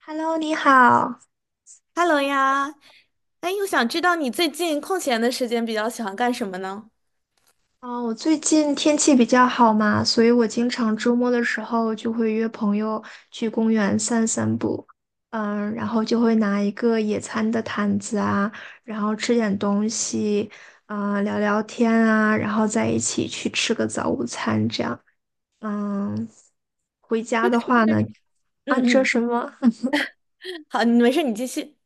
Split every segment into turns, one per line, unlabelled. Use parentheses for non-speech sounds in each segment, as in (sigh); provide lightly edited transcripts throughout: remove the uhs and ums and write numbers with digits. Hello，你好。
Hello 呀，哎，我想知道你最近空闲的时间比较喜欢干什么呢？
嗯，我最近天气比较好嘛，所以我经常周末的时候就会约朋友去公园散散步。然后就会拿一个野餐的毯子啊，然后吃点东西，聊聊天啊，然后在一起去吃个早午餐这样。嗯，回家的话呢，啊，
嗯
你说
嗯，
什么？
好，你没事，你继续。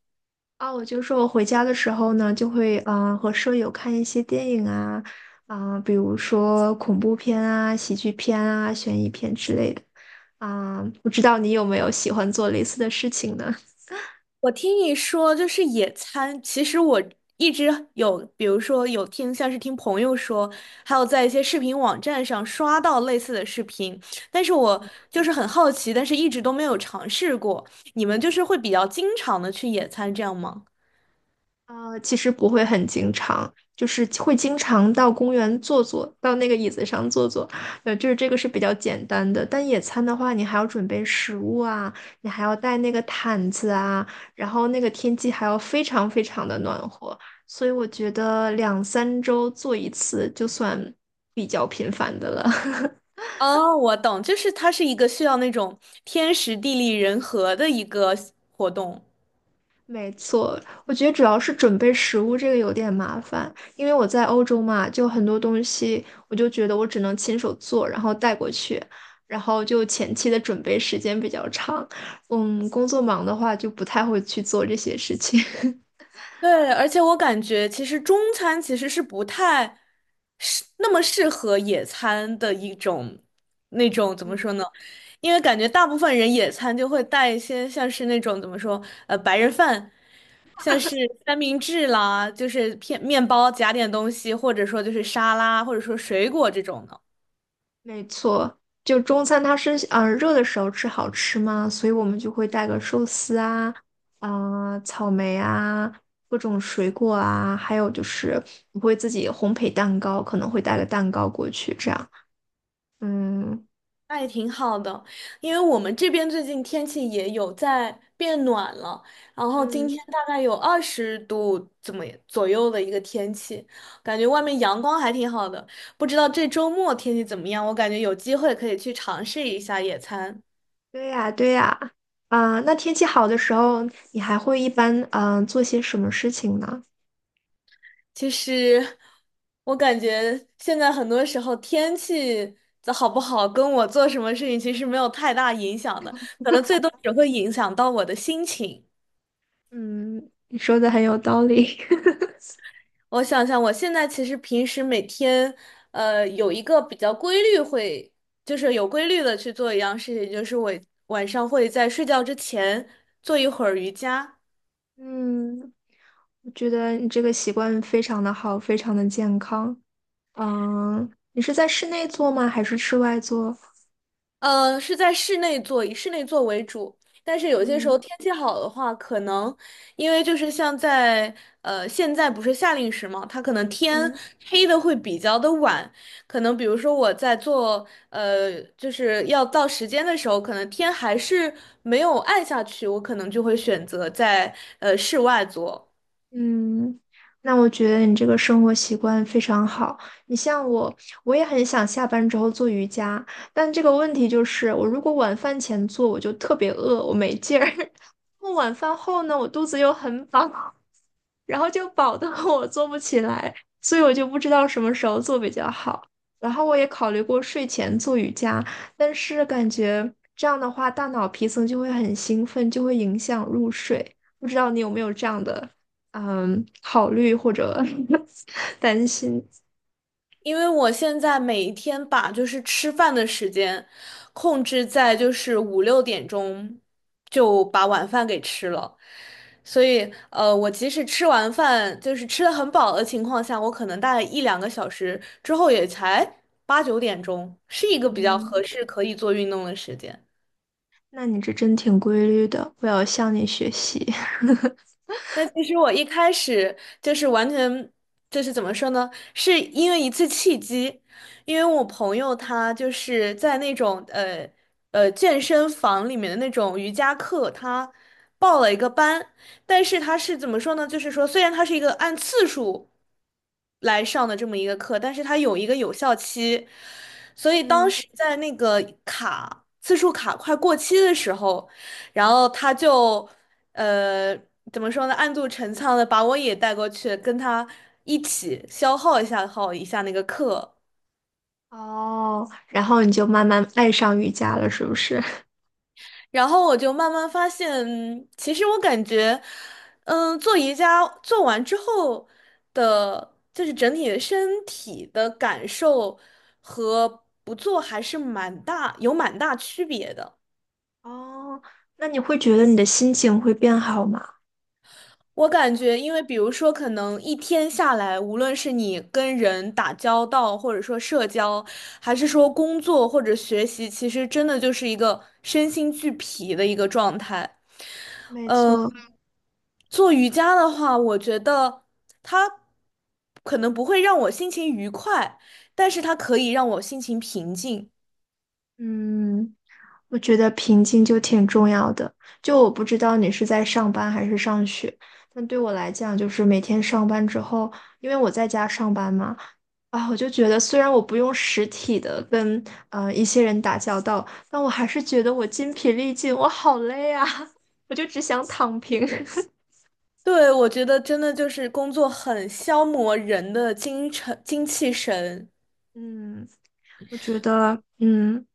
啊，我就说我回家的时候呢，就会和舍友看一些电影啊，啊、比如说恐怖片啊、喜剧片啊、悬疑片之类的。啊、不知道你有没有喜欢做类似的事情呢？
我听你说就是野餐，其实我一直有，比如说有听像是听朋友说，还有在一些视频网站上刷到类似的视频，但是我就是很好奇，但是一直都没有尝试过。你们就是会比较经常的去野餐，这样吗？
啊，其实不会很经常，就是会经常到公园坐坐，到那个椅子上坐坐，就是这个是比较简单的。但野餐的话，你还要准备食物啊，你还要带那个毯子啊，然后那个天气还要非常非常的暖和，所以我觉得两三周做一次就算比较频繁的了。(laughs)
哦，我懂，就是它是一个需要那种天时地利人和的一个活动。
没错，我觉得主要是准备食物这个有点麻烦，因为我在欧洲嘛，就很多东西我就觉得我只能亲手做，然后带过去，然后就前期的准备时间比较长。嗯，工作忙的话就不太会去做这些事情。(laughs)
对，而且我感觉其实中餐其实是不太那么适合野餐的一种那种怎么说呢？因为感觉大部分人野餐就会带一些像是那种怎么说白人饭，像是三明治啦，就是片面包夹点东西，或者说就是沙拉，或者说水果这种的。
没错，就中餐它是热的时候吃好吃嘛，所以我们就会带个寿司啊，啊、草莓啊，各种水果啊，还有就是我会自己烘焙蛋糕，可能会带个蛋糕过去这样。嗯
那也挺好的，因为我们这边最近天气也有在变暖了，然后今
嗯，
天大概有20度怎么左右的一个天气，感觉外面阳光还挺好的。不知道这周末天气怎么样？我感觉有机会可以去尝试一下野餐。
对呀对呀，啊、那天气好的时候，你还会一般做些什么事情呢？
其实我感觉现在很多时候天气的好不好跟我做什么事情其实没有太大影响的，可能最多只会影响到我的心情。
嗯，你说的很有道理。(laughs)
我想想，我现在其实平时每天，有一个比较规律会，就是有规律的去做一样事情，就是我晚上会在睡觉之前做一会儿瑜伽。
嗯，我觉得你这个习惯非常的好，非常的健康。嗯，你是在室内做吗？还是室外做？
是在室内做，以室内做为主。但是有些时候
嗯
天气好的话，可能因为就是像在现在不是夏令时嘛，它可能天
嗯
黑的会比较的晚，可能比如说我在做就是要到时间的时候，可能天还是没有暗下去，我可能就会选择在室外做。
嗯，那我觉得你这个生活习惯非常好。你像我，我也很想下班之后做瑜伽，但这个问题就是，我如果晚饭前做，我就特别饿，我没劲儿；(laughs) 晚饭后呢，我肚子又很饱。然后就饱得我做不起来，所以我就不知道什么时候做比较好。然后我也考虑过睡前做瑜伽，但是感觉这样的话，大脑皮层就会很兴奋，就会影响入睡。不知道你有没有这样的考虑或者 (laughs) 担心？
因为我现在每一天把就是吃饭的时间控制在就是五六点钟就把晚饭给吃了，所以我即使吃完饭就是吃的很饱的情况下，我可能大概一两个小时之后也才八九点钟，是一个比较
嗯，
合适可以做运动的时间。
那你这真挺规律的，我要向你学习。
那其实我一开始就是完全就是怎么说呢？是因为一次契机，因为我朋友他就是在那种健身房里面的那种瑜伽课，他报了一个班，但是他是怎么说呢？就是说虽然他是一个按次数来上的这么一个课，但是它有一个有效期，所
(laughs)
以当
嗯，
时在那个卡次数卡快过期的时候。然后他就呃怎么说呢，暗度陈仓的把我也带过去，跟他一起消耗一下那个课。
哦，然后你就慢慢爱上瑜伽了，是不是？
然后我就慢慢发现，其实我感觉，做瑜伽做完之后的，就是整体的身体的感受和不做还是蛮大，有蛮大区别的。
哦，那你会觉得你的心情会变好吗？
我感觉，因为比如说，可能一天下来，无论是你跟人打交道，或者说社交，还是说工作或者学习，其实真的就是一个身心俱疲的一个状态。
没
嗯，
错，
做瑜伽的话，我觉得它可能不会让我心情愉快，但是它可以让我心情平静。
嗯，我觉得平静就挺重要的。就我不知道你是在上班还是上学，但对我来讲，就是每天上班之后，因为我在家上班嘛，啊，我就觉得虽然我不用实体的跟一些人打交道，但我还是觉得我筋疲力尽，我好累啊，(laughs) 我就只想躺平。
对，我觉得真的就是工作很消磨人的精神、精气神。
(laughs) 嗯，我觉得，嗯。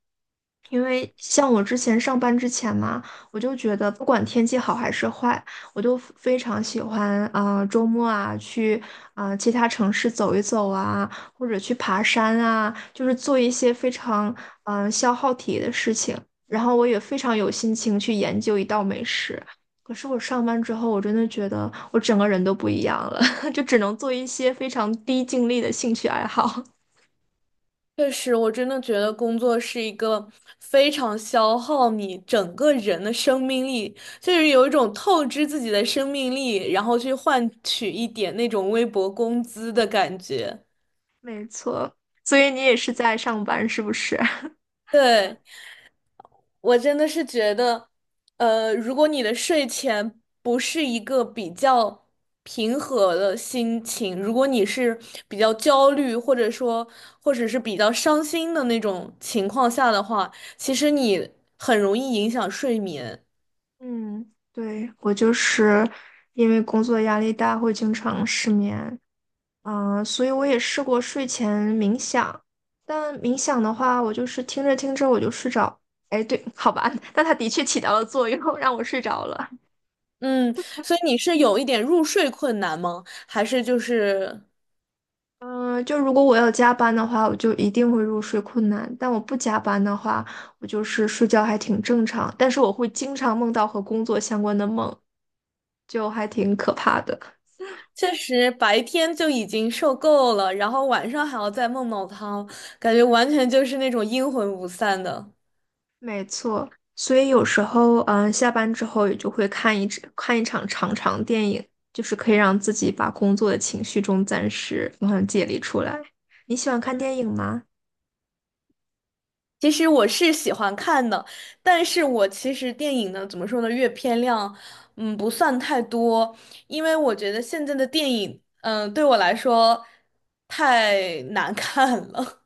因为像我之前上班之前嘛，我就觉得不管天气好还是坏，我都非非常喜欢周末啊去其他城市走一走啊，或者去爬山啊，就是做一些非常消耗体力的事情。然后我也非常有心情去研究一道美食。可是我上班之后，我真的觉得我整个人都不一样了，(laughs) 就只能做一些非常低精力的兴趣爱好。
确实，我真的觉得工作是一个非常消耗你整个人的生命力，就是有一种透支自己的生命力，然后去换取一点那种微薄工资的感觉。
(laughs) 没错，所以你也是在上班，是不是？
对，我真的是觉得，如果你的睡前不是一个比较平和的心情，如果你是比较焦虑，或者说或者是比较伤心的那种情况下的话，其实你很容易影响睡眠。
嗯，对，我就是因为工作压力大，会经常失眠，所以我也试过睡前冥想，但冥想的话，我就是听着听着我就睡着，哎，对，好吧，(laughs) 但它的确起到了作用，让我睡着了。
嗯，所以你是有一点入睡困难吗？还是就是。
嗯、就如果我要加班的话，我就一定会入睡困难，但我不加班的话，我就是睡觉还挺正常，但是我会经常梦到和工作相关的梦，就还挺可怕的。
确实白天就已经受够了，然后晚上还要再梦到他，感觉完全就是那种阴魂不散的。
没错，所以有时候，嗯，下班之后也就会看一场长长电影，就是可以让自己把工作的情绪中暂时解离出来。你喜欢看电影吗？
其实我是喜欢看的，但是我其实电影呢，怎么说呢，阅片量，不算太多，因为我觉得现在的电影，对我来说太难看了。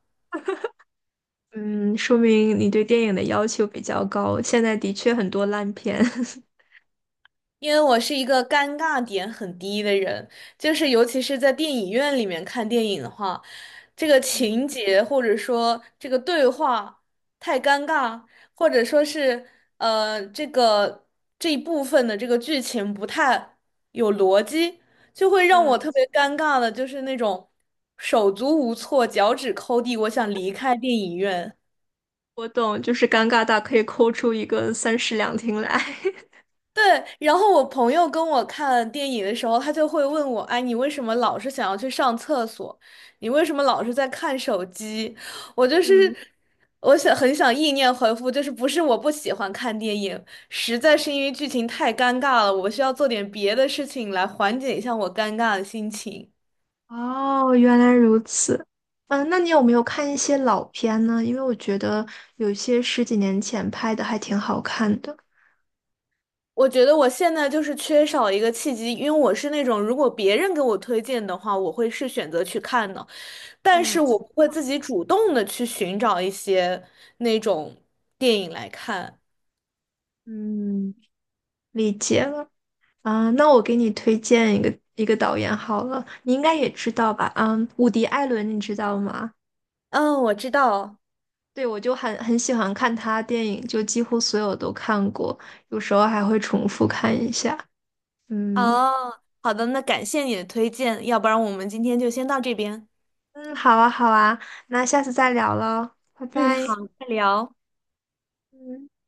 嗯，说明你对电影的要求比较高。现在的确很多烂片。(laughs)
因为我是一个尴尬点很低的人，就是尤其是在电影院里面看电影的话，这个
嗯
情节或者说这个对话太尴尬，或者说是呃这个这一部分的这个剧情不太有逻辑，就会让我
嗯，
特别尴尬的，就是那种手足无措、脚趾抠地，我想离开电影院。
我懂，就是尴尬到可以抠出一个三室两厅来。
对，然后我朋友跟我看电影的时候，他就会问我：“哎，你为什么老是想要去上厕所？你为什么老是在看手机？”我就
(laughs)
是，
嗯。
很想意念回复，就是不是我不喜欢看电影，实在是因为剧情太尴尬了，我需要做点别的事情来缓解一下我尴尬的心情。
哦，原来如此。嗯，那你有没有看一些老片呢？因为我觉得有些十几年前拍的还挺好看的。
我觉得我现在就是缺少一个契机，因为我是那种如果别人给我推荐的话，我会是选择去看的。但是
嗯
我不会自己主动的去寻找一些那种电影来看。
嗯，理解啊。那我给你推荐一个导演好了，你应该也知道吧？嗯，伍迪·艾伦，你知道吗？
嗯，我知道。
对，我就很很喜欢看他电影，就几乎所有都看过，有时候还会重复看一下。嗯
哦，好的，那感谢你的推荐，要不然我们今天就先到这边。
嗯，好啊好啊，那下次再聊喽，拜
嗯，好，
拜。
再聊。
嗯。